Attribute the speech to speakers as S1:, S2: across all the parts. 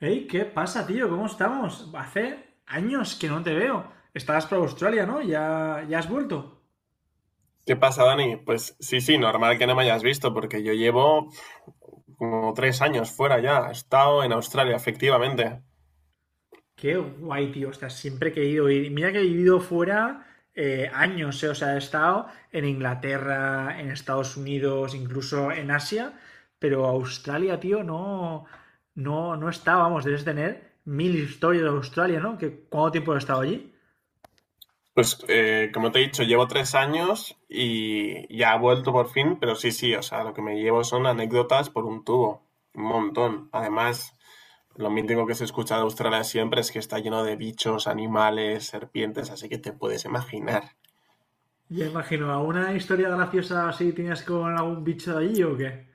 S1: Hey, ¿qué pasa, tío? ¿Cómo estamos? Hace años que no te veo. Estabas por Australia, ¿no? ¿Ya, ya has vuelto?
S2: ¿Qué pasa, Dani? Pues sí, sí, normal que no me hayas visto, porque yo llevo como 3 años fuera ya. He estado en Australia, efectivamente.
S1: Qué guay, tío. O sea, siempre he querido ir. Mira que he vivido fuera años. O sea, he estado en Inglaterra, en Estados Unidos, incluso en Asia. Pero Australia, tío, no, no, no está. Vamos, debes tener mil historias de Australia, ¿no? ¿Qué ¿Cuánto tiempo has estado allí?
S2: Pues como te he dicho, llevo 3 años y ya he vuelto por fin, pero sí, sí, o sea, lo que me llevo son anécdotas por un tubo, un montón. Además, lo mítico que se escucha de Australia siempre es que está lleno de bichos, animales, serpientes, así que te puedes imaginar.
S1: Ya imagino, ¿alguna historia graciosa así tenías con algún bicho de allí o qué?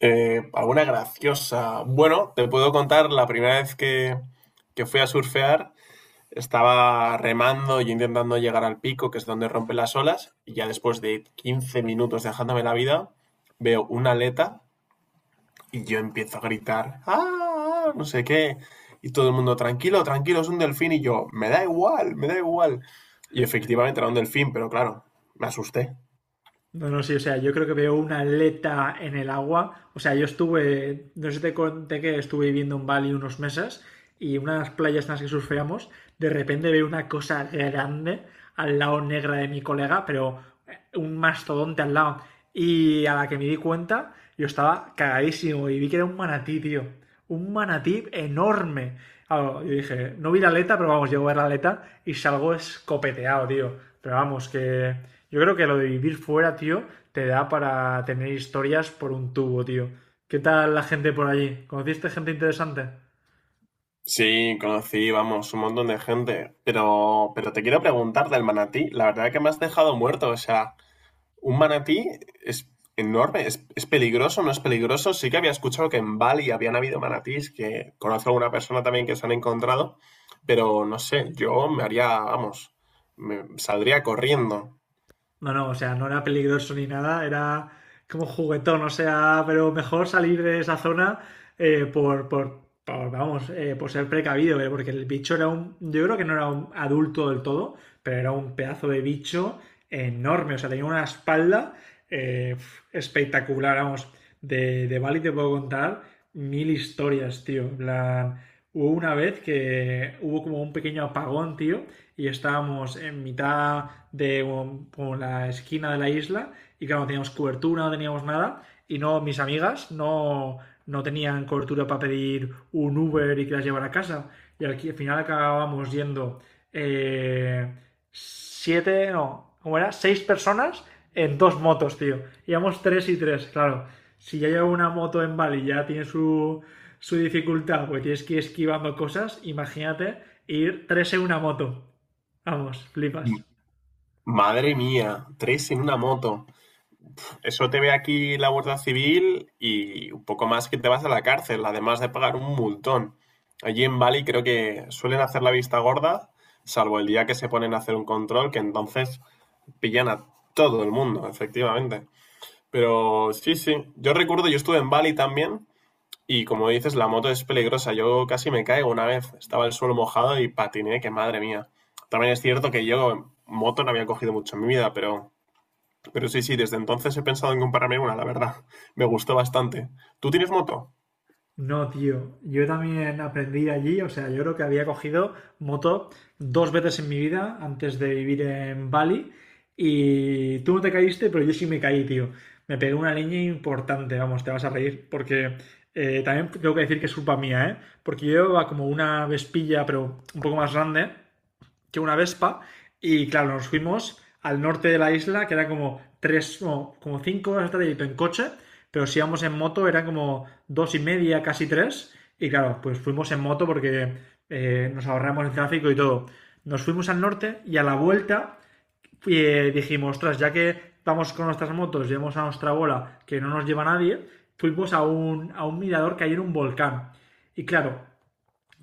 S2: Alguna graciosa. Bueno, te puedo contar la primera vez que fui a surfear. Estaba remando y intentando llegar al pico, que es donde rompen las olas, y ya después de 15 minutos dejándome la vida, veo una aleta y yo empiezo a gritar, ¡ah! No sé qué. Y todo el mundo, tranquilo, tranquilo, es un delfín. Y yo, me da igual, me da igual. Y efectivamente era un delfín, pero claro, me asusté.
S1: No, no, sí, o sea, yo creo que veo una aleta en el agua. O sea, yo estuve, no sé si te conté que estuve viviendo en Bali unos meses y una de las playas en las que surfeamos, de repente veo una cosa grande al lado negra de mi colega, pero un mastodonte al lado. Y a la que me di cuenta, yo estaba cagadísimo y vi que era un manatí, tío, un manatí enorme. Claro, yo dije, no vi la aleta, pero vamos, llego a ver la aleta y salgo escopeteado, tío. Pero vamos, que yo creo que lo de vivir fuera, tío, te da para tener historias por un tubo, tío. ¿Qué tal la gente por allí? ¿Conociste gente interesante?
S2: Sí, conocí, vamos, un montón de gente. Pero te quiero preguntar del manatí. La verdad que me has dejado muerto. O sea, un manatí es enorme, es peligroso, no es peligroso. Sí que había escuchado que en Bali habían habido manatíes, que conozco a una persona también que se han encontrado, pero no sé, yo me haría, vamos, me saldría corriendo.
S1: No, no, o sea, no era peligroso ni nada, era como juguetón, o sea, pero mejor salir de esa zona por, vamos, por ser precavido, porque el bicho yo creo que no era un adulto del todo, pero era un pedazo de bicho enorme, o sea, tenía una espalda eh, espectacular, vamos, de Bali te puedo contar mil historias, tío, en plan, hubo una vez que hubo como un pequeño apagón, tío, y estábamos en mitad de como la esquina de la isla y claro, no teníamos cobertura, no teníamos nada y no, mis amigas no, no tenían cobertura para pedir un Uber y que las llevara a casa y al final acabábamos yendo eh, siete, no, ¿cómo era? Seis personas en dos motos, tío. Íbamos tres y tres, claro. Si ya llevo una moto en Bali ya tiene su dificultad, porque tienes que ir esquivando cosas, imagínate ir tres en una moto. Vamos, flipas.
S2: M- Madre mía, tres en una moto. Eso te ve aquí la Guardia Civil y un poco más que te vas a la cárcel, además de pagar un multón. Allí en Bali creo que suelen hacer la vista gorda, salvo el día que se ponen a hacer un control, que entonces pillan a todo el mundo, efectivamente. Pero sí, sí. Yo recuerdo, yo estuve en Bali también y como dices, la moto es peligrosa. Yo casi me caigo una vez. Estaba el suelo mojado y patiné, que madre mía. También es cierto que yo moto no había cogido mucho en mi vida, pero sí, sí, desde entonces he pensado en comprarme una, la verdad. Me gustó bastante. ¿Tú tienes moto?
S1: No, tío. Yo también aprendí allí, o sea, yo creo que había cogido moto dos veces en mi vida antes de vivir en Bali. Y tú no te caíste, pero yo sí me caí, tío. Me pegué una leña importante, vamos, te vas a reír, porque también tengo que decir que es culpa mía, ¿eh? Porque yo llevaba como una vespilla, pero un poco más grande, que una Vespa. Y claro, nos fuimos al norte de la isla, que era como tres, no, como 5 horas de trayecto en coche, pero si íbamos en moto era como dos y media, casi tres. Y claro, pues fuimos en moto porque nos ahorramos el tráfico y todo. Nos fuimos al norte y a la vuelta dijimos, ostras, ya que vamos con nuestras motos, llevamos a nuestra bola que no nos lleva nadie, fuimos a un mirador que hay en un volcán. Y claro,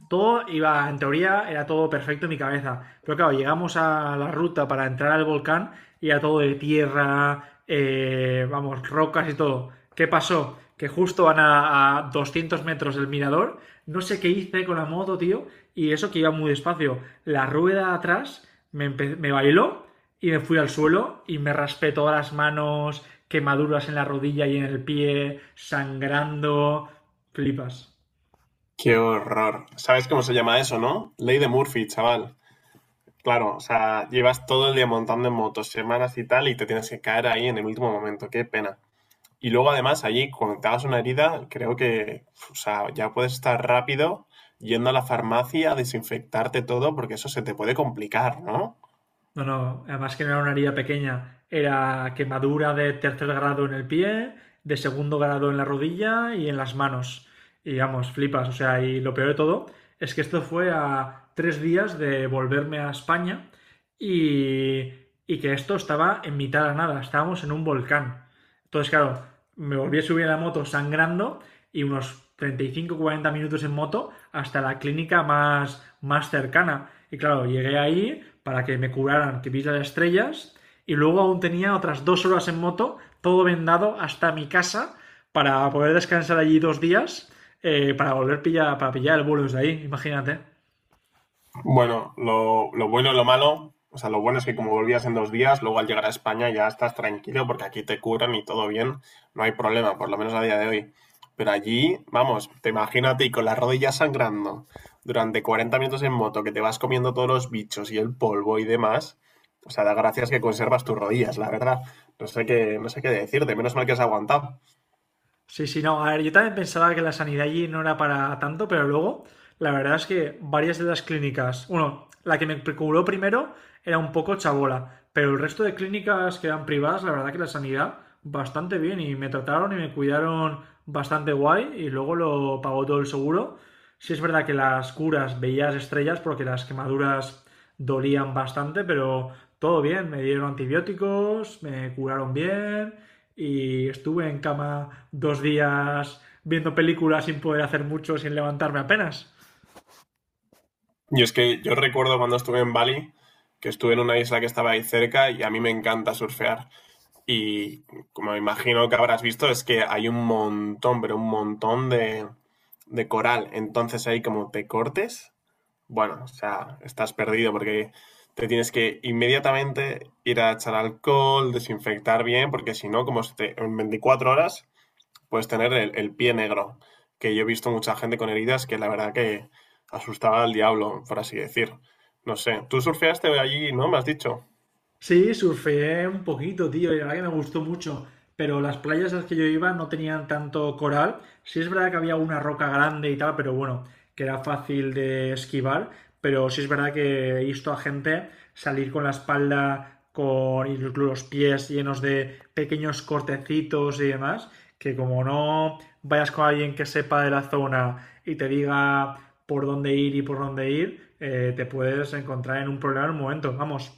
S1: todo iba, en teoría, era todo perfecto en mi cabeza. Pero claro, llegamos a la ruta para entrar al volcán y era todo de tierra, vamos, rocas y todo. ¿Qué pasó? Que justo van a 200 metros del mirador. No sé qué hice con la moto, tío. Y eso que iba muy despacio. La rueda atrás me bailó y me fui al suelo y me raspé todas las manos, quemaduras en la rodilla y en el pie, sangrando. Flipas.
S2: Qué horror. ¿Sabes cómo se llama eso, no? Ley de Murphy, chaval. Claro, o sea, llevas todo el día montando en motos, semanas y tal, y te tienes que caer ahí en el último momento. Qué pena. Y luego además allí, cuando te hagas una herida, creo que o sea, ya puedes estar rápido yendo a la farmacia a desinfectarte todo porque eso se te puede complicar, ¿no?
S1: No, no, además que no era una herida pequeña, era quemadura de tercer grado en el pie, de segundo grado en la rodilla y en las manos. Y vamos, flipas, o sea, y lo peor de todo es que esto fue a 3 días de volverme a España y, y que esto estaba en mitad de la nada, estábamos en un volcán. Entonces, claro, me volví a subir a la moto sangrando y unos 35-40 minutos en moto hasta la clínica más cercana. Y claro, llegué ahí para que me curaran, que vi las estrellas y luego aún tenía otras 2 horas en moto, todo vendado hasta mi casa para poder descansar allí 2 días para pillar el vuelo desde ahí, imagínate.
S2: Bueno, lo bueno y lo malo, o sea, lo bueno es que como volvías en 2 días, luego al llegar a España ya estás tranquilo porque aquí te curan y todo bien, no hay problema, por lo menos a día de hoy. Pero allí, vamos, te imagínate y con las rodillas sangrando durante 40 minutos en moto, que te vas comiendo todos los bichos y el polvo y demás. O sea, da gracias que conservas tus rodillas, la verdad. No sé qué, no sé qué decirte, menos mal que has aguantado.
S1: Sí, sí, no. A ver, yo también pensaba que la sanidad allí no era para tanto, pero luego la verdad es que varias de las clínicas, bueno, la que me preocupó primero era un poco chabola, pero el resto de clínicas que eran privadas, la verdad que la sanidad bastante bien y me trataron y me cuidaron bastante guay y luego lo pagó todo el seguro. Sí es verdad que las curas veías estrellas porque las quemaduras dolían bastante, pero todo bien, me dieron antibióticos, me curaron bien y estuve en cama 2 días viendo películas sin poder hacer mucho, sin levantarme apenas.
S2: Y es que yo recuerdo cuando estuve en Bali, que estuve en una isla que estaba ahí cerca y a mí me encanta surfear. Y como imagino que habrás visto, es que hay un montón, pero un montón de coral. Entonces ahí como te cortes, bueno, o sea, estás perdido porque te tienes que inmediatamente ir a echar alcohol, desinfectar bien, porque si no, como en 24 horas puedes tener el pie negro. Que yo he visto mucha gente con heridas que la verdad que asustaba al diablo, por así decir. No sé, tú surfeaste allí, ¿no? Me has dicho.
S1: Sí, surfeé un poquito, tío, y la verdad que me gustó mucho. Pero las playas a las que yo iba no tenían tanto coral. Sí es verdad que había una roca grande y tal, pero bueno, que era fácil de esquivar. Pero sí es verdad que he visto a gente salir con la espalda con y los pies llenos de pequeños cortecitos y demás, que como no vayas con alguien que sepa de la zona y te diga por dónde ir y por dónde ir, te puedes encontrar en un problema en un momento. Vamos.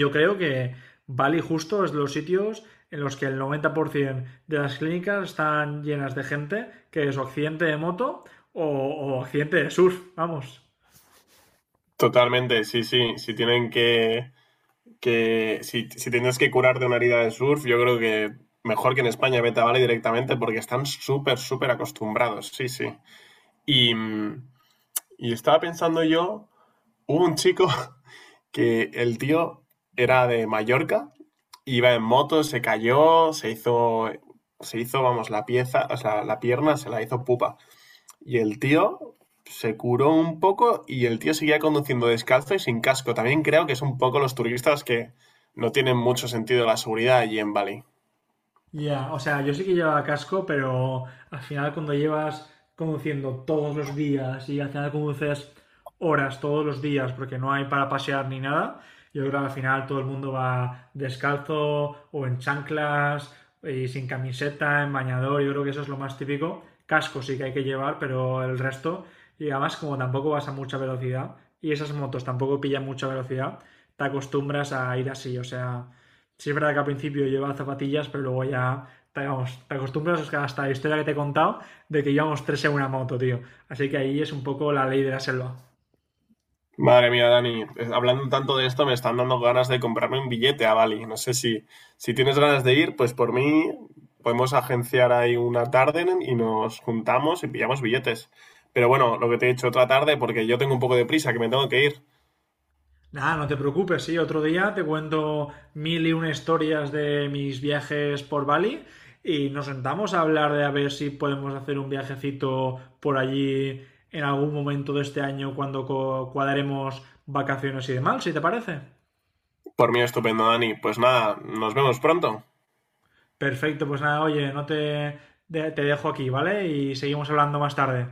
S1: Yo creo que Bali justo es los sitios en los que el 90% de las clínicas están llenas de gente que es o accidente de moto o accidente de surf, vamos.
S2: Totalmente, sí, sí. Si tienen que si, si tienes que curar de una herida de surf, yo creo que mejor que en España vete a Bali directamente porque están súper, súper acostumbrados, sí, sí. Y, y estaba pensando yo, hubo un chico que el tío era de Mallorca, iba en moto, se cayó, se hizo, vamos, la pieza, o sea, la pierna se la hizo pupa. Y el tío se curó un poco y el tío seguía conduciendo descalzo y sin casco. También creo que es un poco los turistas que no tienen mucho sentido la seguridad allí en Bali.
S1: Ya, o sea, yo sí que llevaba casco, pero al final cuando llevas conduciendo todos los días y al final conduces horas todos los días porque no hay para pasear ni nada, yo creo que al final todo el mundo va descalzo o en chanclas y sin camiseta, en bañador, yo creo que eso es lo más típico. Casco sí que hay que llevar, pero el resto, y además como tampoco vas a mucha velocidad y esas motos tampoco pillan mucha velocidad, te acostumbras a ir así, o sea, sí, es verdad que al principio llevaba zapatillas, pero luego ya vamos, te acostumbras hasta la historia que te he contado de que íbamos tres en una moto, tío. Así que ahí es un poco la ley de la selva.
S2: Madre mía, Dani, hablando tanto de esto me están dando ganas de comprarme un billete a Bali. No sé si tienes ganas de ir, pues por mí podemos agenciar ahí una tarde y nos juntamos y pillamos billetes. Pero bueno, lo que te he dicho otra tarde porque yo tengo un poco de prisa que me tengo que ir.
S1: Nada, no te preocupes, sí, otro día te cuento mil y una historias de mis viajes por Bali y nos sentamos a hablar de a ver si podemos hacer un viajecito por allí en algún momento de este año cuando cuadremos vacaciones y demás, si te parece.
S2: Por mí estupendo, Dani. Pues nada, nos vemos pronto.
S1: Perfecto, pues nada, oye, no te, te dejo aquí, ¿vale? Y seguimos hablando más tarde.